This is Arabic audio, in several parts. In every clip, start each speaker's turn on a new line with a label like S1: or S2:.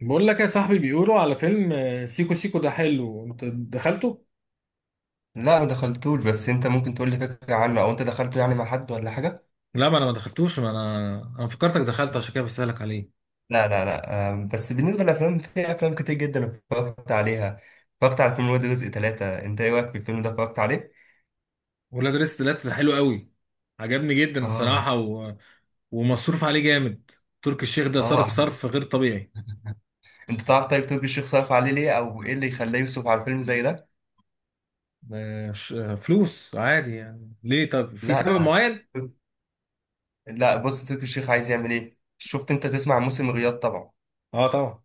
S1: بقول لك يا صاحبي بيقولوا على فيلم سيكو سيكو ده حلو. انت دخلته؟
S2: لا، ما دخلتوش، بس انت ممكن تقول لي فكره عنه او انت دخلته يعني مع حد ولا حاجه؟
S1: لا، ما انا ما دخلتوش ما انا انا فكرتك دخلت عشان كده بسألك عليه.
S2: لا لا لا، بس بالنسبه للافلام، في افلام كتير جدا اتفرجت عليها. اتفرجت على فيلم ولاد رزق ثلاثة، انت ايه رايك في الفيلم ده؟ اتفرجت عليه؟
S1: ولاد رزق تلاتة ده حلو قوي. عجبني جدا
S2: اه
S1: الصراحة ومصروف عليه جامد. تركي الشيخ ده
S2: اه.
S1: صرف
S2: أحمد،
S1: صرف غير طبيعي.
S2: انت تعرف طيب تركي الشيخ صرف عليه ليه او ايه اللي يخليه يصرف على فيلم زي ده؟
S1: فلوس عادي يعني. ليه؟ طب في
S2: لا
S1: سبب معين؟
S2: لا، بص تركي الشيخ عايز يعمل ايه. شفت انت، تسمع عن موسم الرياض طبعا؟
S1: اه طبعا.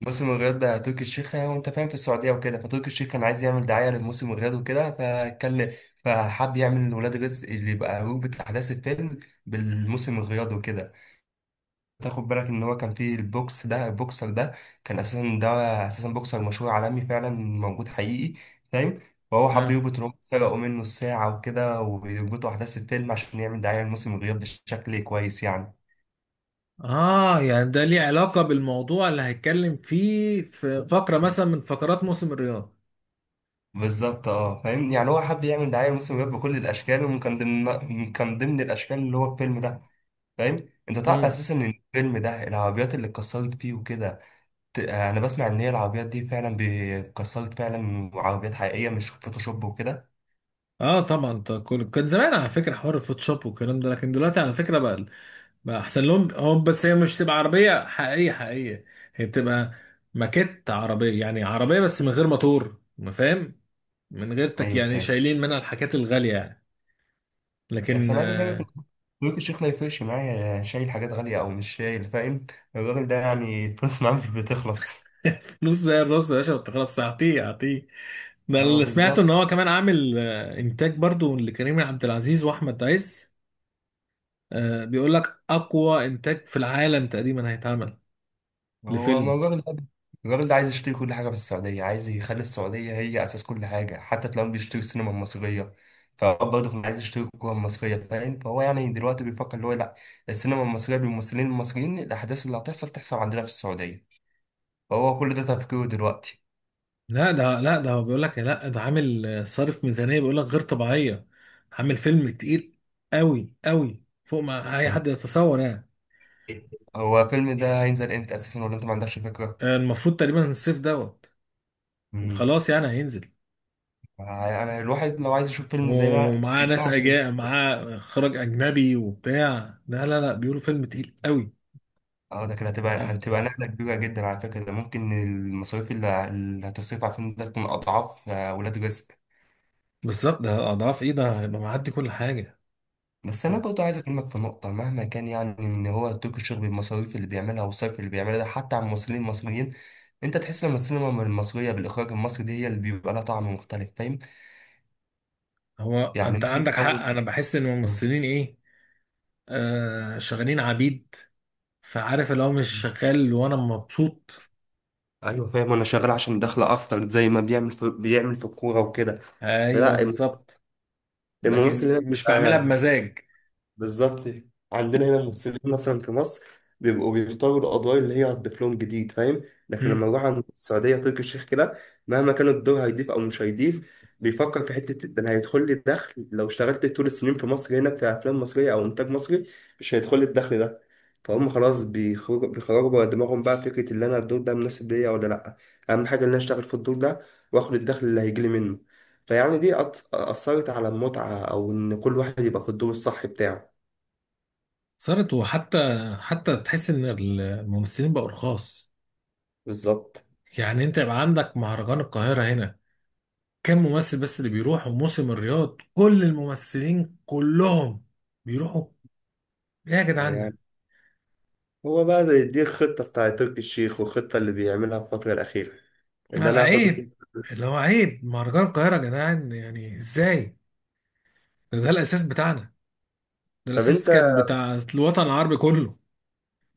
S2: موسم الرياض ده تركي الشيخ يعني، وانت فاهم في السعوديه وكده، فتركي الشيخ كان عايز يعمل دعايه لموسم الرياض وكده، فكان فحب يعمل ولاد رزق اللي يبقى روبة احداث الفيلم بالموسم الرياض وكده. تاخد بالك ان هو كان فيه البوكس ده، البوكسر ده كان اساسا ده اساسا بوكسر مشهور عالمي فعلا، موجود حقيقي، فاهم؟ فهو حب
S1: اه،
S2: يربط ان هم سرقوا منه الساعه وكده ويربطوا احداث الفيلم عشان يعمل دعايه لموسم الرياض بشكل كويس يعني.
S1: اه، يعني ده ليه علاقة بالموضوع اللي هيتكلم فيه في فقرة مثلا من فقرات موسم الرياض.
S2: بالظبط، اه، فاهم، يعني هو حب يعمل دعايه لموسم الرياض بكل الاشكال، وكان ضمن كان ضمن الاشكال اللي هو الفيلم ده. فاهم؟ انت تعرف اساسا ان الفيلم ده العربيات اللي اتكسرت فيه وكده. انا بسمع ان هي العربيات دي فعلا اتكسرت فعلا، وعربيات حقيقيه مش فوتوشوب وكده.
S1: اه طبعا. كان زمان على فكره حوار الفوتوشوب والكلام ده، لكن دلوقتي على فكره بقى احسن لهم هم. بس هي مش تبقى عربيه حقيقيه حقيقيه. هي بتبقى ماكيت عربيه، يعني عربيه بس من غير موتور، ما فاهم؟ من غير تك،
S2: ايوه
S1: يعني
S2: فاهم.
S1: شايلين منها الحاجات الغاليه يعني.
S2: بس
S1: لكن
S2: انا عايز افهمك إن تركي الشيخ ما يفرقش معايا شايل حاجات غاليه او مش شايل، فاهم؟ الراجل ده يعني الفلوس معاه مش بتخلص.
S1: فلوس زي الرز يا باشا ما بتخلصش، اعطيه اعطيه. ده
S2: اه
S1: اللي سمعته
S2: بالظبط.
S1: ان هو كمان عامل انتاج برضو لكريم عبد العزيز واحمد عز. بيقول لك اقوى انتاج في العالم تقريبا هيتعمل
S2: هو ما
S1: لفيلم.
S2: جارد عايز يشتري كل حاجة في السعودية، عايز يخلي السعودية هي أساس كل حاجة، حتى تلاقيهم بيشتري السينما المصرية. فهو برضه كان عايز يشتري الكورة المصرية، فاهم؟ فهو يعني دلوقتي بيفكر اللي هو لأ، السينما المصرية بالممثلين المصريين، الأحداث اللي هتحصل تحصل عندنا في السعودية. فهو كل ده تفكيره دلوقتي.
S1: لا ده هو بيقول لك لا، ده عامل صارف ميزانية، بيقول لك غير طبيعية. عامل فيلم تقيل قوي قوي، فوق ما اي
S2: فاهم؟
S1: حد يتصور يعني.
S2: هو الفيلم ده هينزل امتى أساسا، ولا أنت ما عندكش فكرة؟
S1: المفروض تقريبا الصيف دوت.
S2: مم.
S1: خلاص، يعني هينزل.
S2: أنا الواحد لو عايز يشوف فيلم زي ده، زي
S1: ومعاه
S2: ده
S1: ناس
S2: عشان،
S1: اجاء معاه اخراج اجنبي وبتاع. لا لا لا، بيقولوا فيلم تقيل قوي.
S2: اه، ده كده
S1: آه.
S2: هتبقى نقلة كبيرة جدا على فكرة. ده ممكن المصاريف اللي هتصرف على الفيلم ده تكون أضعاف ولاد رزق.
S1: بالظبط. ده اضعاف ايه؟ ده هيبقى معدي كل حاجة.
S2: بس أنا
S1: مم.
S2: برضه عايز أكلمك في نقطة مهما كان، يعني إن هو تركي الشيخ بالمصاريف اللي بيعملها والصرف اللي بيعملها ده حتى على الممثلين المصريين، أنت تحس إن السينما المصرية بالإخراج المصري دي هي اللي بيبقى لها طعم مختلف، فاهم؟
S1: هو
S2: يعني
S1: انت
S2: مهما
S1: عندك حق،
S2: حاول.
S1: انا بحس ان الممثلين ايه، شغالين عبيد. فعارف اللي هو مش شغال وانا مبسوط.
S2: ايوه فاهم، انا شغال عشان دخل اكتر، زي ما بيعمل في الكوره وكده.
S1: ايوه
S2: لا،
S1: بالظبط.
S2: الممثل هنا
S1: لكن مش بعملها
S2: بيبقى
S1: بمزاج.
S2: بالظبط، عندنا هنا الممثلين مثلا في مصر بيبقوا بيختاروا القضايا اللي هي هتضيف لهم جديد، فاهم؟ لكن لما
S1: امم.
S2: نروح عند السعودية تركي الشيخ كده، مهما كان الدور هيضيف أو مش هيضيف، بيفكر في حتة ده أنا هيدخل لي الدخل. لو اشتغلت طول السنين في مصر هنا في أفلام مصرية أو إنتاج مصري مش هيدخل لي الدخل ده. فهم خلاص، بيخرجوا بره دماغهم بقى فكرة اللي أنا الدور ده مناسب ليا ولا لأ. أهم حاجة إن أنا أشتغل في الدور ده وآخد الدخل اللي هيجيلي منه. فيعني دي أثرت على المتعة أو إن كل واحد يبقى في الدور الصح بتاعه.
S1: صارت، حتى تحس ان الممثلين بقوا رخاص.
S2: بالظبط،
S1: يعني انت يبقى عندك مهرجان القاهرة هنا، كم ممثل بس اللي بيروح. وموسم الرياض كل الممثلين كلهم بيروحوا. ايه يا جدعان
S2: يعني
S1: ده؟
S2: هو بقى ده يديك خطة بتاع تركي الشيخ والخطة اللي بيعملها في الفترة الأخيرة اللي
S1: على
S2: أنا هاخد
S1: عيب،
S2: منه.
S1: اللي هو عيب مهرجان القاهرة يا جدعان، يعني ازاي؟ ده الاساس بتاعنا، ده
S2: طب
S1: الاساس
S2: أنت،
S1: كان بتاع الوطن العربي كله.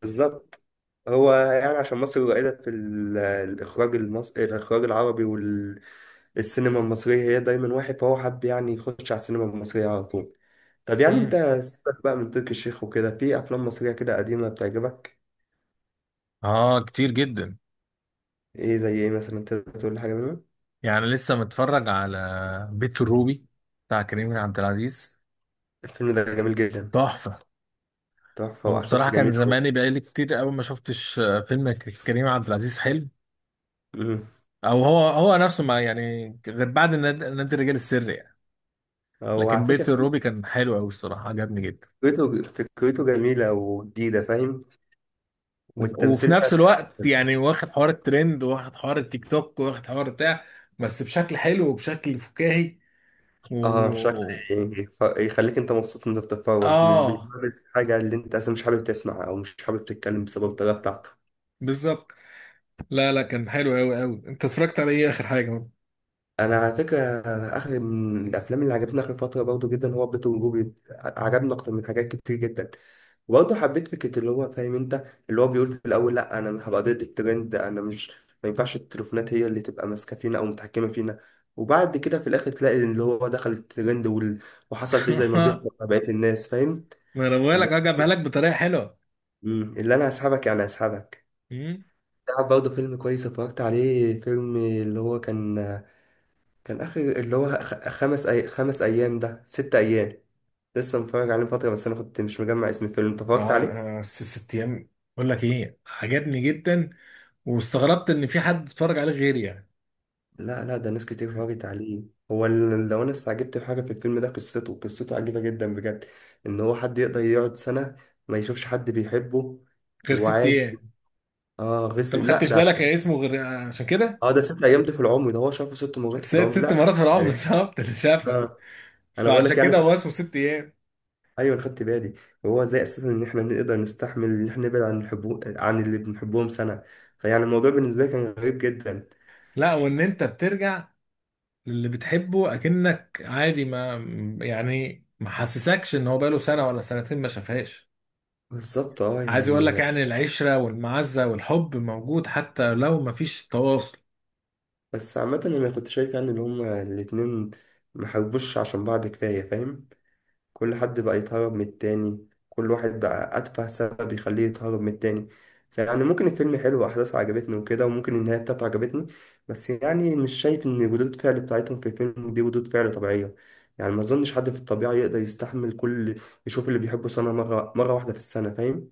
S2: بالظبط. هو يعني عشان مصر قليلة في الإخراج المصري، الإخراج العربي، والسينما المصرية هي دايما واحد، فهو حب يعني يخش على السينما المصرية على طول. طب يعني أنت
S1: امم.
S2: سيبك بقى من تركي الشيخ وكده، في أفلام مصرية كده قديمة بتعجبك؟
S1: اه، كتير جدا.
S2: إيه زي إيه مثلا؟ تقدر تقول لي حاجة منهم؟
S1: يعني لسه متفرج على بيت الروبي بتاع كريم عبد العزيز.
S2: الفيلم ده جميل جدا.
S1: تحفة.
S2: تحفة،
S1: هو بصراحة
S2: وأحداثه
S1: كان
S2: جميلة أوي.
S1: زماني بقالي كتير قوي ما شفتش فيلم كريم عبد العزيز حلو.
S2: مم.
S1: او هو نفسه ما يعني، غير بعد نادي الرجال السري يعني.
S2: هو
S1: لكن
S2: على
S1: بيت
S2: فكرة
S1: الروبي كان حلو قوي الصراحة، عجبني جدا.
S2: فكرته جميلة وجديدة، فاهم؟
S1: وفي
S2: والتمثيل
S1: نفس
S2: بتاع،
S1: الوقت يعني، واخد حوار الترند، واخد حوار التيك توك، واخد حوار بتاع. بس بشكل حلو وبشكل فكاهي
S2: اه، شكل،
S1: و
S2: يخليك انت مبسوط وانت بتتفرج، مش
S1: اه
S2: بيبرز حاجة اللي انت اصلا مش حابب تسمعها او مش حابب تتكلم بسبب الطريقة بتاعته.
S1: بالظبط. لا لا، كان حلو قوي قوي. انت اتفرجت على ايه اخر حاجه برضه؟
S2: انا على فكره اخر من الافلام اللي عجبتني اخر فتره برضه جدا هو بيت وجوبي. عجبني اكتر من حاجات كتير جدا. وبرضه حبيت فكره اللي هو، فاهم انت، اللي هو بيقول في الاول لا انا مش هبقى ضد الترند، انا مش، ما ينفعش التليفونات هي اللي تبقى ماسكه فينا او متحكمه فينا. وبعد كده في الاخر تلاقي اللي هو دخل الترند وحصل فيه زي ما بيحصل مع بقيه الناس، فاهم؟
S1: ما انا بقول
S2: اللي
S1: لك
S2: هو
S1: جابها لك بطريقه حلوه.
S2: اللي انا هسحبك يعني هسحبك.
S1: امم.
S2: تعرف برضه فيلم كويس اتفرجت عليه، فيلم اللي هو كان اخر، اللي هو خمس ايام، ده ست ايام. لسه متفرج عليه من فتره، بس انا كنت مش مجمع اسم الفيلم. انت اتفرجت عليه؟
S1: اه. ست ايام. بقول لك ايه، عجبني جدا. واستغربت ان في حد اتفرج عليه غيري يعني.
S2: لا لا، ده ناس كتير اتفرجت عليه. هو لو انا استعجبت في حاجه في الفيلم ده قصته عجيبه جدا بجد، ان هو حد يقدر يقعد سنه ما يشوفش حد بيحبه
S1: غير ست
S2: وعادي.
S1: ايام.
S2: اه،
S1: انت ما
S2: لا
S1: خدتش
S2: ده،
S1: بالك يا اسمه غير؟ عشان كده.
S2: اه، ده ست ايام، ده في العمر ده هو شافه 6 مرات في
S1: ست
S2: العمر
S1: ست
S2: لا
S1: مرات في العمر
S2: يعني،
S1: بالظبط اللي شافها.
S2: اه. انا بقول
S1: فعشان
S2: لك يعني،
S1: كده هو اسمه ست ايام.
S2: ايوه أنا خدت بالي. هو ازاي اساسا ان احنا نقدر نستحمل ان احنا نبعد عن عن اللي بنحبهم سنه. فيعني الموضوع بالنسبه لي كان غريب جدا.
S1: لا، وان انت بترجع للي بتحبه اكنك عادي. ما يعني، ما حسسكش ان هو بقاله سنه ولا سنتين ما شافهاش.
S2: بالظبط اه
S1: عايز يقول لك
S2: يعني،
S1: يعني، العشرة والمعزة والحب موجود حتى لو مفيش تواصل.
S2: بس عامه انا كنت شايف يعني ان هما الاتنين محبوش عشان بعض كفايه، فاهم؟ كل حد بقى يتهرب من التاني، كل واحد بقى أتفه سبب يخليه يتهرب من التاني. فيعني ممكن الفيلم حلو وأحداثه عجبتني وكده، وممكن النهاية بتاعته عجبتني. بس يعني مش شايف إن ردود الفعل بتاعتهم في الفيلم دي ردود فعل طبيعية. يعني ما أظنش حد في الطبيعة يقدر يستحمل كل، يشوف اللي بيحبه سنة، مرة، مرة واحدة في السنة، فاهم؟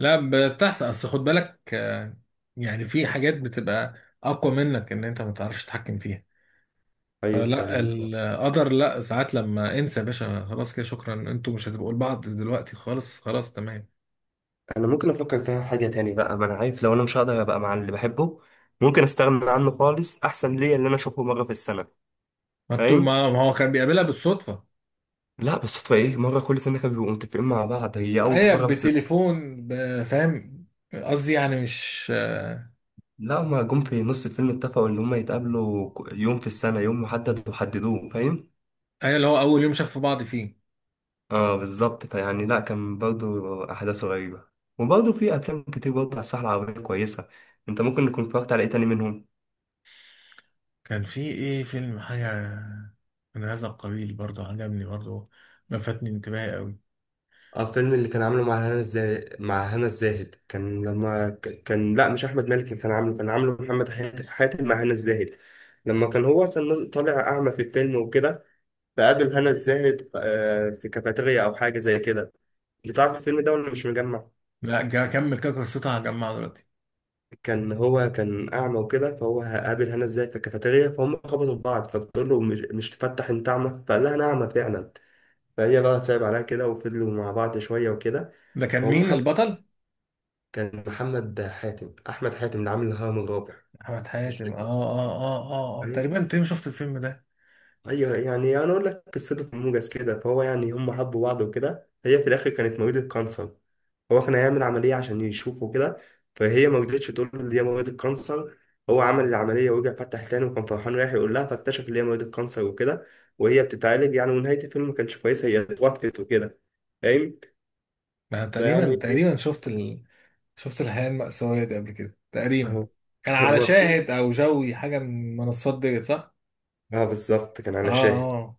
S1: لا بتحصل، اصل خد بالك يعني في حاجات بتبقى اقوى منك، ان انت ما تعرفش تتحكم فيها.
S2: أيوه
S1: فلا
S2: فعلا.
S1: القدر، لا ساعات لما انسى يا باشا، خلاص كده، شكرا، انتوا مش هتبقوا لبعض دلوقتي خالص. خلاص تمام.
S2: أنا ممكن أفكر فيها حاجة تاني بقى. ما أنا عارف لو أنا مش هقدر أبقى مع اللي بحبه ممكن أستغنى عنه خالص. أحسن ليا اللي أنا أشوفه مرة في السنة،
S1: ما انتوا،
S2: فاهم؟
S1: ما هو كان بيقابلها بالصدفة.
S2: لا، بس صدفة ايه؟ مرة كل سنة كانوا بيبقوا متفقين مع بعض، هي أول
S1: هي
S2: مرة بس.
S1: بتليفون فاهم. قصدي يعني مش
S2: لا هما جم في نص الفيلم اتفقوا إن هما يتقابلوا يوم في السنة، يوم محدد وحددوه، فاهم؟
S1: هي اللي هو اول يوم شافوا بعض فيه.
S2: اه بالظبط، فيعني لا كان برضه أحداثه غريبة. وبرضه في أفلام كتير برضه على الساحة العربية كويسة. أنت ممكن تكون اتفرجت على إيه تاني منهم؟
S1: كان في ايه فيلم حاجة من هذا القبيل برضه، عجبني برضه. لفتني انتباهي قوي.
S2: اه، فيلم اللي كان عامله مع هنا الزاهد، مع هنا الزاهد كان لما كان، لا مش احمد مالك اللي كان عامله، كان عامله محمد حاتم مع هنا الزاهد. لما كان هو كان طالع اعمى في الفيلم وكده، بقابل هنا الزاهد في كافيتيريا أو حاجة زي كده. أنت تعرف الفيلم ده ولا مش مجمع؟
S1: لا، كمل كده قصتها هجمعها دلوقتي.
S2: كان هو كان أعمى وكده، فهو قابل هنا الزاهد في الكافيتيريا، فهم خبطوا في بعض، فبتقول له مش تفتح، أنت أعمى؟ فقال لها أنا أعمى فعلا. فهي بقى صعب عليها كده، وفضلوا مع بعض شوية وكده.
S1: ده كان
S2: فهم
S1: مين
S2: حب،
S1: البطل؟
S2: كان محمد حاتم، أحمد حاتم اللي عامل الهرم الرابع.
S1: أحمد
S2: مش
S1: حاتم. اه،
S2: فاكر.
S1: اه، اه، اه، اه، تقريبا تقريبا شفت الفيلم ده.
S2: ايوه يعني، انا اقول لك قصته في موجز كده. فهو يعني هم حبوا بعض وكده، هي في الاخر كانت مريضة كانسر. هو كان هيعمل عملية عشان يشوفه كده، فهي ما رضتش تقول له ان هي مريضة كانسر. هو عمل العملية ورجع فتح تاني، وكان فرحان رايح يقول لها، فاكتشف ان هي مريضة كانسر وكده، وهي بتتعالج يعني. ونهاية الفيلم ما كانتش كويسة، هي اتوفت وكده، فاهم؟
S1: أنا تقريبا
S2: فيعني
S1: تقريبا شفت شفت الحياة المأساوية دي قبل كده تقريبا.
S2: اهو.
S1: كان على
S2: هو فيلم،
S1: شاهد أو جوي حاجة من المنصات ديت، صح؟
S2: اه بالظبط كان
S1: اه،
S2: على شاهد.
S1: اه،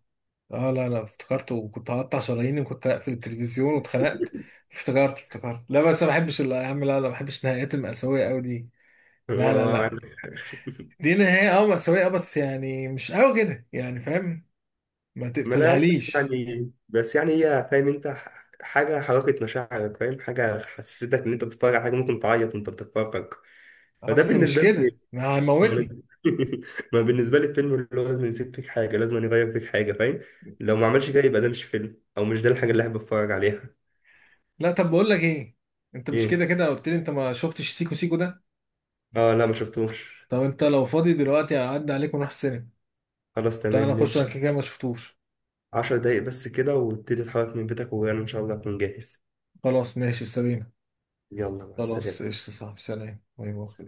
S1: اه. لا لا، افتكرت. وكنت هقطع شراييني وكنت هقفل التلفزيون واتخنقت. افتكرت افتكرت. لا بس ما بحبش يا عم، لا لا، ما بحبش النهايات المأساوية قوي دي. لا لا لا،
S2: عندك حق.
S1: دي نهاية مأساوية، بس يعني مش قوي كده يعني، فاهم؟ ما
S2: ما انا يعني،
S1: تقفلهاليش.
S2: بس يعني هي، فاهم انت، حاجه حركت مشاعرك، فاهم؟ حاجه حسستك ان انت بتتفرج على حاجه ممكن تعيط وانت بتتفرج.
S1: اه،
S2: فده
S1: بس مش
S2: بالنسبه
S1: كده،
S2: لي،
S1: ما
S2: ما
S1: هيموتني.
S2: ما بالنسبه لي الفيلم اللي هو لازم يسيب فيك حاجه، لازم يغير فيك حاجه، فاهم؟ لو ما عملش كده يبقى ده مش فيلم، او مش ده الحاجه اللي احب اتفرج عليها.
S1: لا طب بقول لك ايه، انت مش كده
S2: ايه؟
S1: كده قلت لي انت ما شفتش سيكو سيكو ده؟
S2: اه لا، ما شفتوش.
S1: طب انت لو فاضي دلوقتي اعدي عليك ونروح السينما.
S2: خلاص تمام
S1: تعالى نخش، انا
S2: ماشي.
S1: كده كده ما شفتوش.
S2: 10 دقايق بس كده وابتدي اتحرك من بيتك، وانا ان شاء الله اكون جاهز.
S1: خلاص ماشي سابينا.
S2: يلا مع
S1: خلاص
S2: السلامه.
S1: قشطة صاحبي، سلام، باي باي.